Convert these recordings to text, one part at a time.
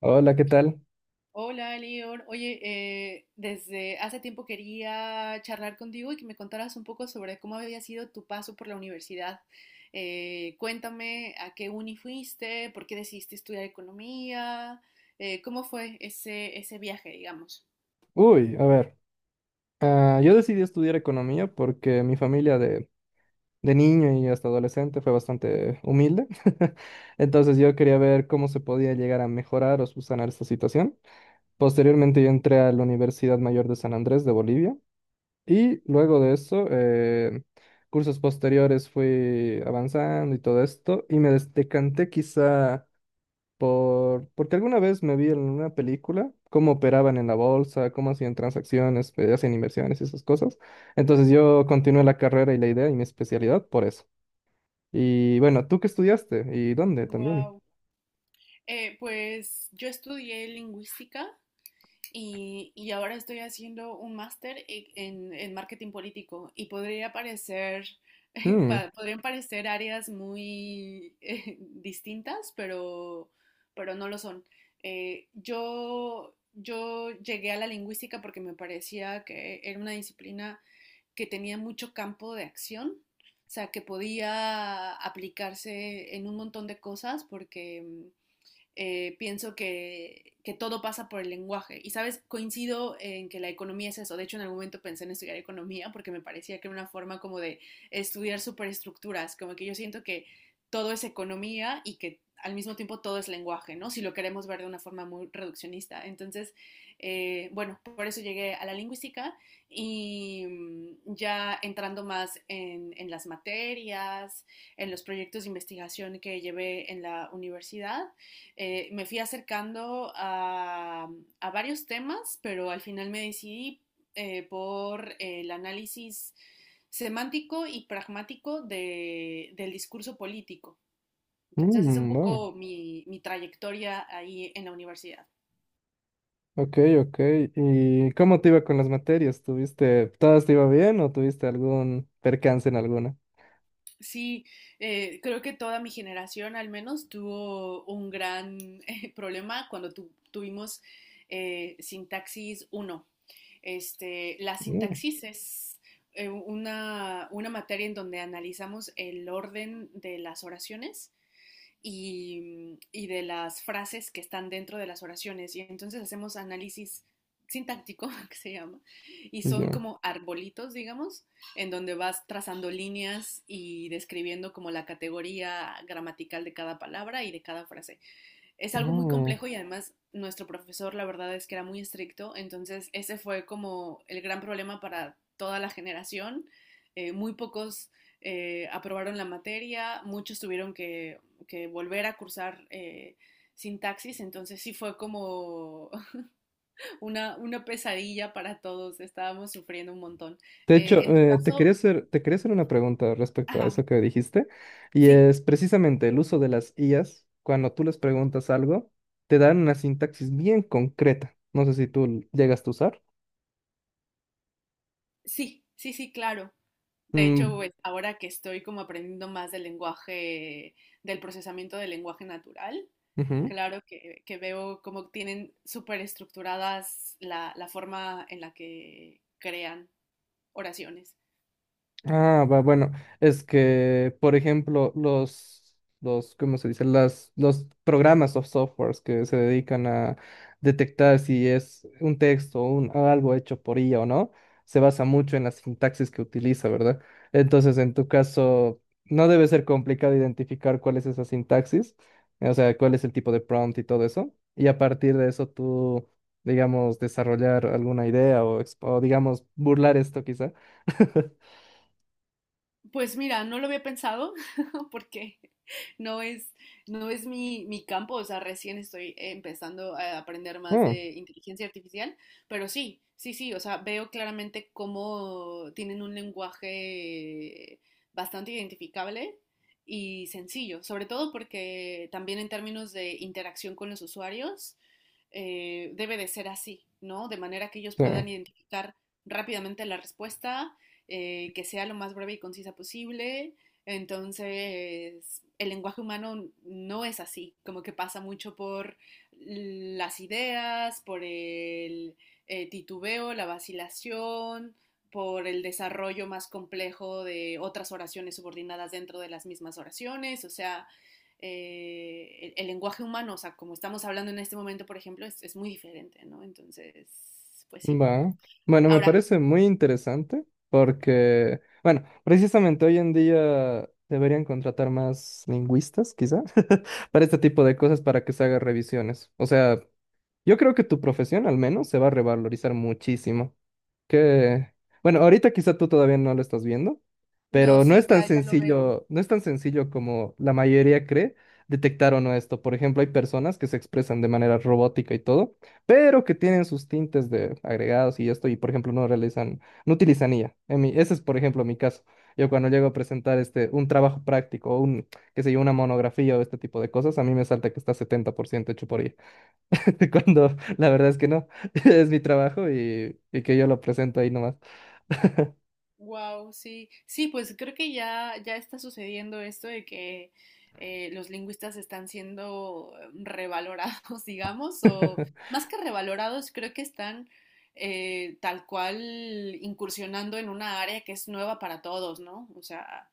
Hola, ¿qué tal? Hola, Lior. Oye, desde hace tiempo quería charlar contigo y que me contaras un poco sobre cómo había sido tu paso por la universidad. Cuéntame a qué uni fuiste, por qué decidiste estudiar economía, cómo fue ese viaje, digamos. Uy, a ver, yo decidí estudiar economía porque mi familia de niño y hasta adolescente fue bastante humilde. Entonces yo quería ver cómo se podía llegar a mejorar o subsanar esta situación. Posteriormente yo entré a la Universidad Mayor de San Andrés de Bolivia y luego de eso, cursos posteriores fui avanzando y todo esto y me decanté quizá. Porque alguna vez me vi en una película cómo operaban en la bolsa, cómo hacían transacciones, hacían inversiones y esas cosas. Entonces yo continué la carrera y la idea y mi especialidad por eso. Y bueno, ¿tú qué estudiaste? ¿Y dónde también? Wow. Pues yo estudié lingüística. Y ahora estoy haciendo un máster en marketing político y podría parecer, Mm, podrían parecer áreas muy distintas, pero no lo son. Yo llegué a la lingüística porque me parecía que era una disciplina que tenía mucho campo de acción, o sea, que podía aplicarse en un montón de cosas porque pienso que todo pasa por el lenguaje. Y sabes, coincido en que la economía es eso. De hecho, en algún momento pensé en estudiar economía porque me parecía que era una forma como de estudiar superestructuras, como que yo siento que todo es economía y que al mismo tiempo todo es lenguaje, ¿no? Si lo queremos ver de una forma muy reduccionista. Entonces, bueno, por eso llegué a la lingüística y ya entrando más en las materias, en los proyectos de investigación que llevé en la universidad, me fui acercando a, varios temas, pero al final me decidí por el análisis semántico y pragmático de, del discurso político. Entonces es un va. poco mi trayectoria ahí en la universidad. Ok, ok. ¿Y cómo te iba con las materias? ¿Tuviste, todas te iba bien o tuviste algún percance en alguna? Sí, creo que toda mi generación al menos tuvo un gran problema cuando tuvimos sintaxis uno, este, la Mm, sintaxises, una materia en donde analizamos el orden de las oraciones y de las frases que están dentro de las oraciones. Y entonces hacemos análisis sintáctico, que se llama, y son ya. como arbolitos, digamos, en donde vas trazando líneas y describiendo como la categoría gramatical de cada palabra y de cada frase. Es algo muy Mm. complejo y además nuestro profesor la verdad es que era muy estricto, entonces ese fue como el gran problema para toda la generación. Muy pocos aprobaron la materia, muchos tuvieron que volver a cursar sintaxis, entonces sí fue como una pesadilla para todos, estábamos sufriendo un montón. De hecho, En tu caso, te quería hacer una pregunta respecto a ajá, eso que dijiste, y sí. es precisamente el uso de las IAs, cuando tú les preguntas algo, te dan una sintaxis bien concreta. No sé si tú llegas a usar. Sí, sí, sí, claro. De hecho, Mm, pues, ahora que estoy como aprendiendo más del lenguaje, del procesamiento del lenguaje natural, ujú. claro que veo cómo tienen súper estructuradas la forma en la que crean oraciones. Ah, va, bueno, es que, por ejemplo, ¿cómo se dice? Las, los programas o softwares que se dedican a detectar si es un texto o un, o algo hecho por IA o no, se basa mucho en las sintaxis que utiliza, ¿verdad? Entonces, en tu caso, no debe ser complicado identificar cuál es esa sintaxis, o sea, cuál es el tipo de prompt y todo eso, y a partir de eso tú, digamos, desarrollar alguna idea o, o digamos, burlar esto quizá. Pues mira, no lo había pensado porque no es, no es mi campo, o sea, recién estoy empezando a aprender más Mm. de inteligencia artificial, pero sí, sí, sí, o sea, veo claramente cómo tienen un lenguaje bastante identificable y sencillo, sobre todo porque también en términos de interacción con los usuarios, debe de ser así, ¿no? De manera que ellos Sí, puedan identificar rápidamente la respuesta que sea lo más breve y concisa posible. Entonces, el lenguaje humano no es así, como que pasa mucho por las ideas, por el titubeo, la vacilación, por el desarrollo más complejo de otras oraciones subordinadas dentro de las mismas oraciones, o sea, el lenguaje humano, o sea, como estamos hablando en este momento, por ejemplo, es muy diferente, ¿no? Entonces, pues sí. va. Bueno, me Ahora, parece muy interesante porque, bueno, precisamente hoy en día deberían contratar más lingüistas, quizá, para este tipo de cosas para que se hagan revisiones. O sea, yo creo que tu profesión al menos se va a revalorizar muchísimo. Que, bueno, ahorita quizá tú todavía no lo estás viendo, no, pero no sí, es tan ya, ya lo veo. sencillo, no es tan sencillo como la mayoría cree detectar o no esto. Por ejemplo, hay personas que se expresan de manera robótica y todo, pero que tienen sus tintes de agregados y esto, y por ejemplo, no realizan, no utilizan IA. Ese es, por ejemplo, mi caso. Yo cuando llego a presentar este, un trabajo práctico o un, qué sé yo, una monografía o este tipo de cosas, a mí me salta que está 70% hecho por IA. Cuando la verdad es que no, es mi trabajo y que yo lo presento ahí nomás. Wow, sí. Sí, pues creo que ya, ya está sucediendo esto de que los lingüistas están siendo revalorados, digamos, o más que revalorados, creo que están tal cual incursionando en una área que es nueva para todos, ¿no? O sea,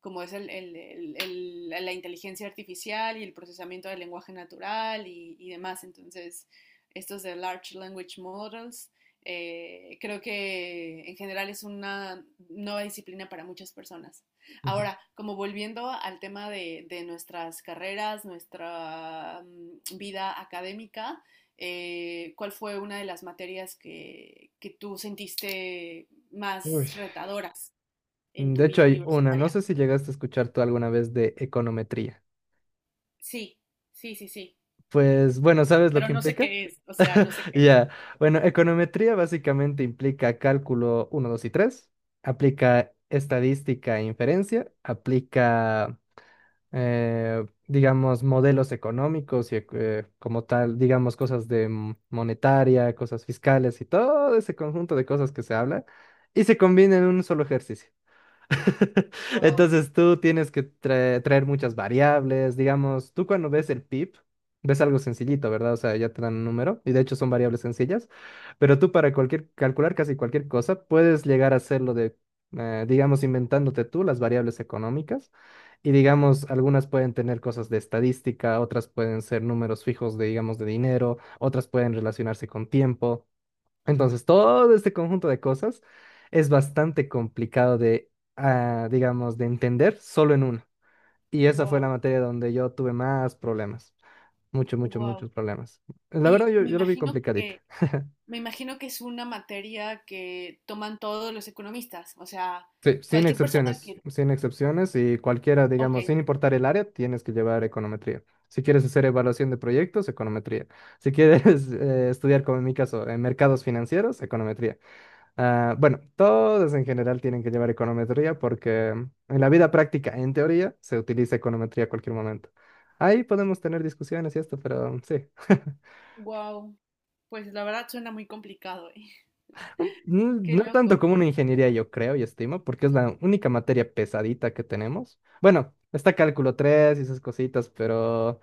como es la inteligencia artificial y el procesamiento del lenguaje natural y demás. Entonces, estos de Large Language Models, creo que en general es una nueva disciplina para muchas personas. Ujú. Ahora, como volviendo al tema de nuestras carreras, nuestra vida académica, ¿cuál fue una de las materias que tú sentiste más Uy. retadoras en tu De hecho vida hay una, no universitaria? sé si llegaste a escuchar tú alguna vez de econometría. Sí, sí, sí, sí. Pues bueno, ¿sabes lo Pero que no sé implica? qué es, o sea, no sé qué es. Ya. Bueno, econometría básicamente implica cálculo 1, 2 y 3, aplica estadística e inferencia, aplica, digamos, modelos económicos y como tal, digamos, cosas de monetaria, cosas fiscales y todo ese conjunto de cosas que se habla y se combina en un solo ejercicio. Wow, Entonces tú tienes que traer muchas variables, digamos, tú cuando ves el PIB, ves algo sencillito, ¿verdad? O sea, ya te dan un número y de hecho son variables sencillas, pero tú para cualquier, calcular casi cualquier cosa, puedes llegar a hacerlo de, digamos, inventándote tú las variables económicas y digamos, algunas pueden tener cosas de estadística, otras pueden ser números fijos de, digamos, de dinero, otras pueden relacionarse con tiempo. Entonces, todo este conjunto de cosas es bastante complicado de, digamos, de entender solo en uno. Y esa fue la wow, materia donde yo tuve más problemas. Muchos, muchos, wow. muchos problemas. La verdad, Y yo, yo lo vi complicadita. Me imagino que es una materia que toman todos los economistas, o sea, Sí, sin cualquier persona excepciones, que, sin excepciones y cualquiera, ok, digamos, sin importar el área, tienes que llevar econometría. Si quieres hacer evaluación de proyectos, econometría. Si quieres estudiar, como en mi caso, en mercados financieros, econometría. Ah, bueno, todos en general tienen que llevar econometría porque en la vida práctica, en teoría, se utiliza econometría a cualquier momento. Ahí podemos tener discusiones y esto, pero sí. wow. Pues la verdad suena muy complicado, ¿eh? No Qué no tanto loco. como una ingeniería, yo creo y estimo, porque es la única materia pesadita que tenemos. Bueno, está cálculo 3 y esas cositas, pero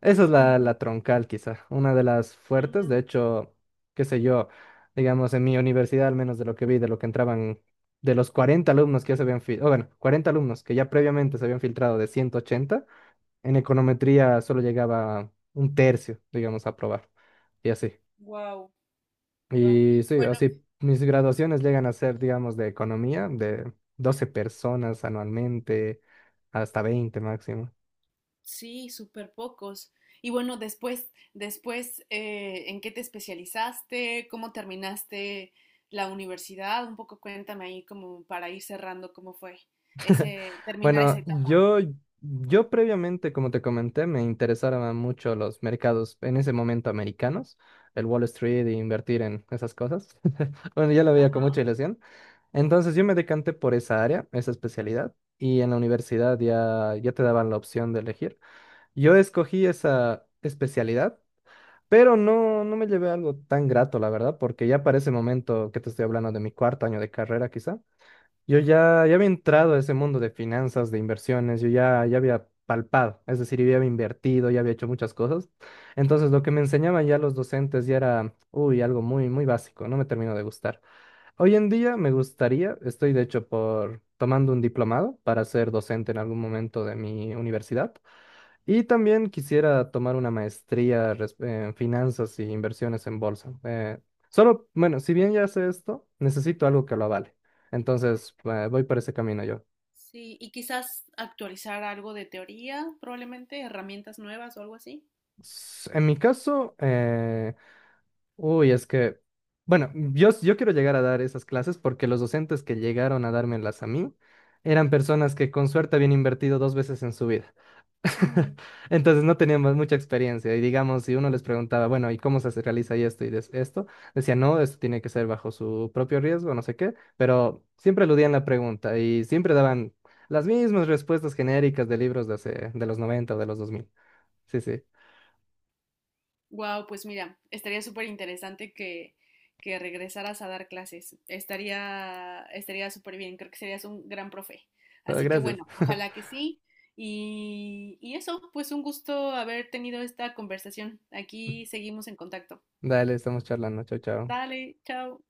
esa es la, la troncal, quizá, una de las fuertes. De hecho, qué sé yo, digamos, en mi universidad, al menos de lo que vi, de lo que entraban, de los 40 alumnos que ya se habían filtrado, bueno, 40 alumnos que ya previamente se habían filtrado de 180, en econometría solo llegaba un tercio, digamos, a probar. Y así. Wow, wow. Y sí, Bueno. así mis graduaciones llegan a ser, digamos, de economía, de 12 personas anualmente, hasta 20 máximo. Sí, súper pocos. Y bueno, después, después, ¿en qué te especializaste? ¿Cómo terminaste la universidad? Un poco cuéntame ahí como para ir cerrando cómo fue ese, terminar esa Bueno, etapa. yo previamente, como te comenté, me interesaban mucho los mercados en ese momento americanos, el Wall Street e invertir en esas cosas. Bueno, yo lo veía con Ajá. mucha ilusión. Entonces yo me decanté por esa área, esa especialidad, y en la universidad ya te daban la opción de elegir. Yo escogí esa especialidad, pero no, no me llevé algo tan grato, la verdad, porque ya para ese momento que te estoy hablando de mi 4º año de carrera, quizá. Yo ya había entrado a ese mundo de finanzas, de inversiones, yo ya había palpado, es decir, yo ya había invertido, ya había hecho muchas cosas. Entonces, lo que me enseñaban ya los docentes ya era, uy, algo muy, muy básico, no me terminó de gustar. Hoy en día me gustaría, estoy de hecho por tomando un diplomado para ser docente en algún momento de mi universidad. Y también quisiera tomar una maestría en finanzas y inversiones en bolsa. Solo, bueno, si bien ya sé esto, necesito algo que lo avale. Entonces, voy por ese camino yo. Sí, y quizás actualizar algo de teoría, probablemente, herramientas nuevas o algo así. En mi caso, uy, es que, bueno, yo quiero llegar a dar esas clases porque los docentes que llegaron a dármelas a mí eran personas que con suerte habían invertido dos veces en su vida. Entonces no teníamos mucha experiencia y digamos, si uno les preguntaba, bueno, ¿y cómo se realiza esto y esto? Decían, no, esto tiene que ser bajo su propio riesgo, no sé qué, pero siempre eludían la pregunta y siempre daban las mismas respuestas genéricas de libros de, hace, de los 90 o de los 2000. Sí, sí. Wow, pues mira, estaría súper interesante que regresaras a dar clases. Estaría, estaría súper bien, creo que serías un gran profe. Pero Así que gracias. bueno, ojalá que sí. Y eso, pues un gusto haber tenido esta conversación. Aquí seguimos en contacto. Dale, estamos charlando, chao, chao. Dale, chao.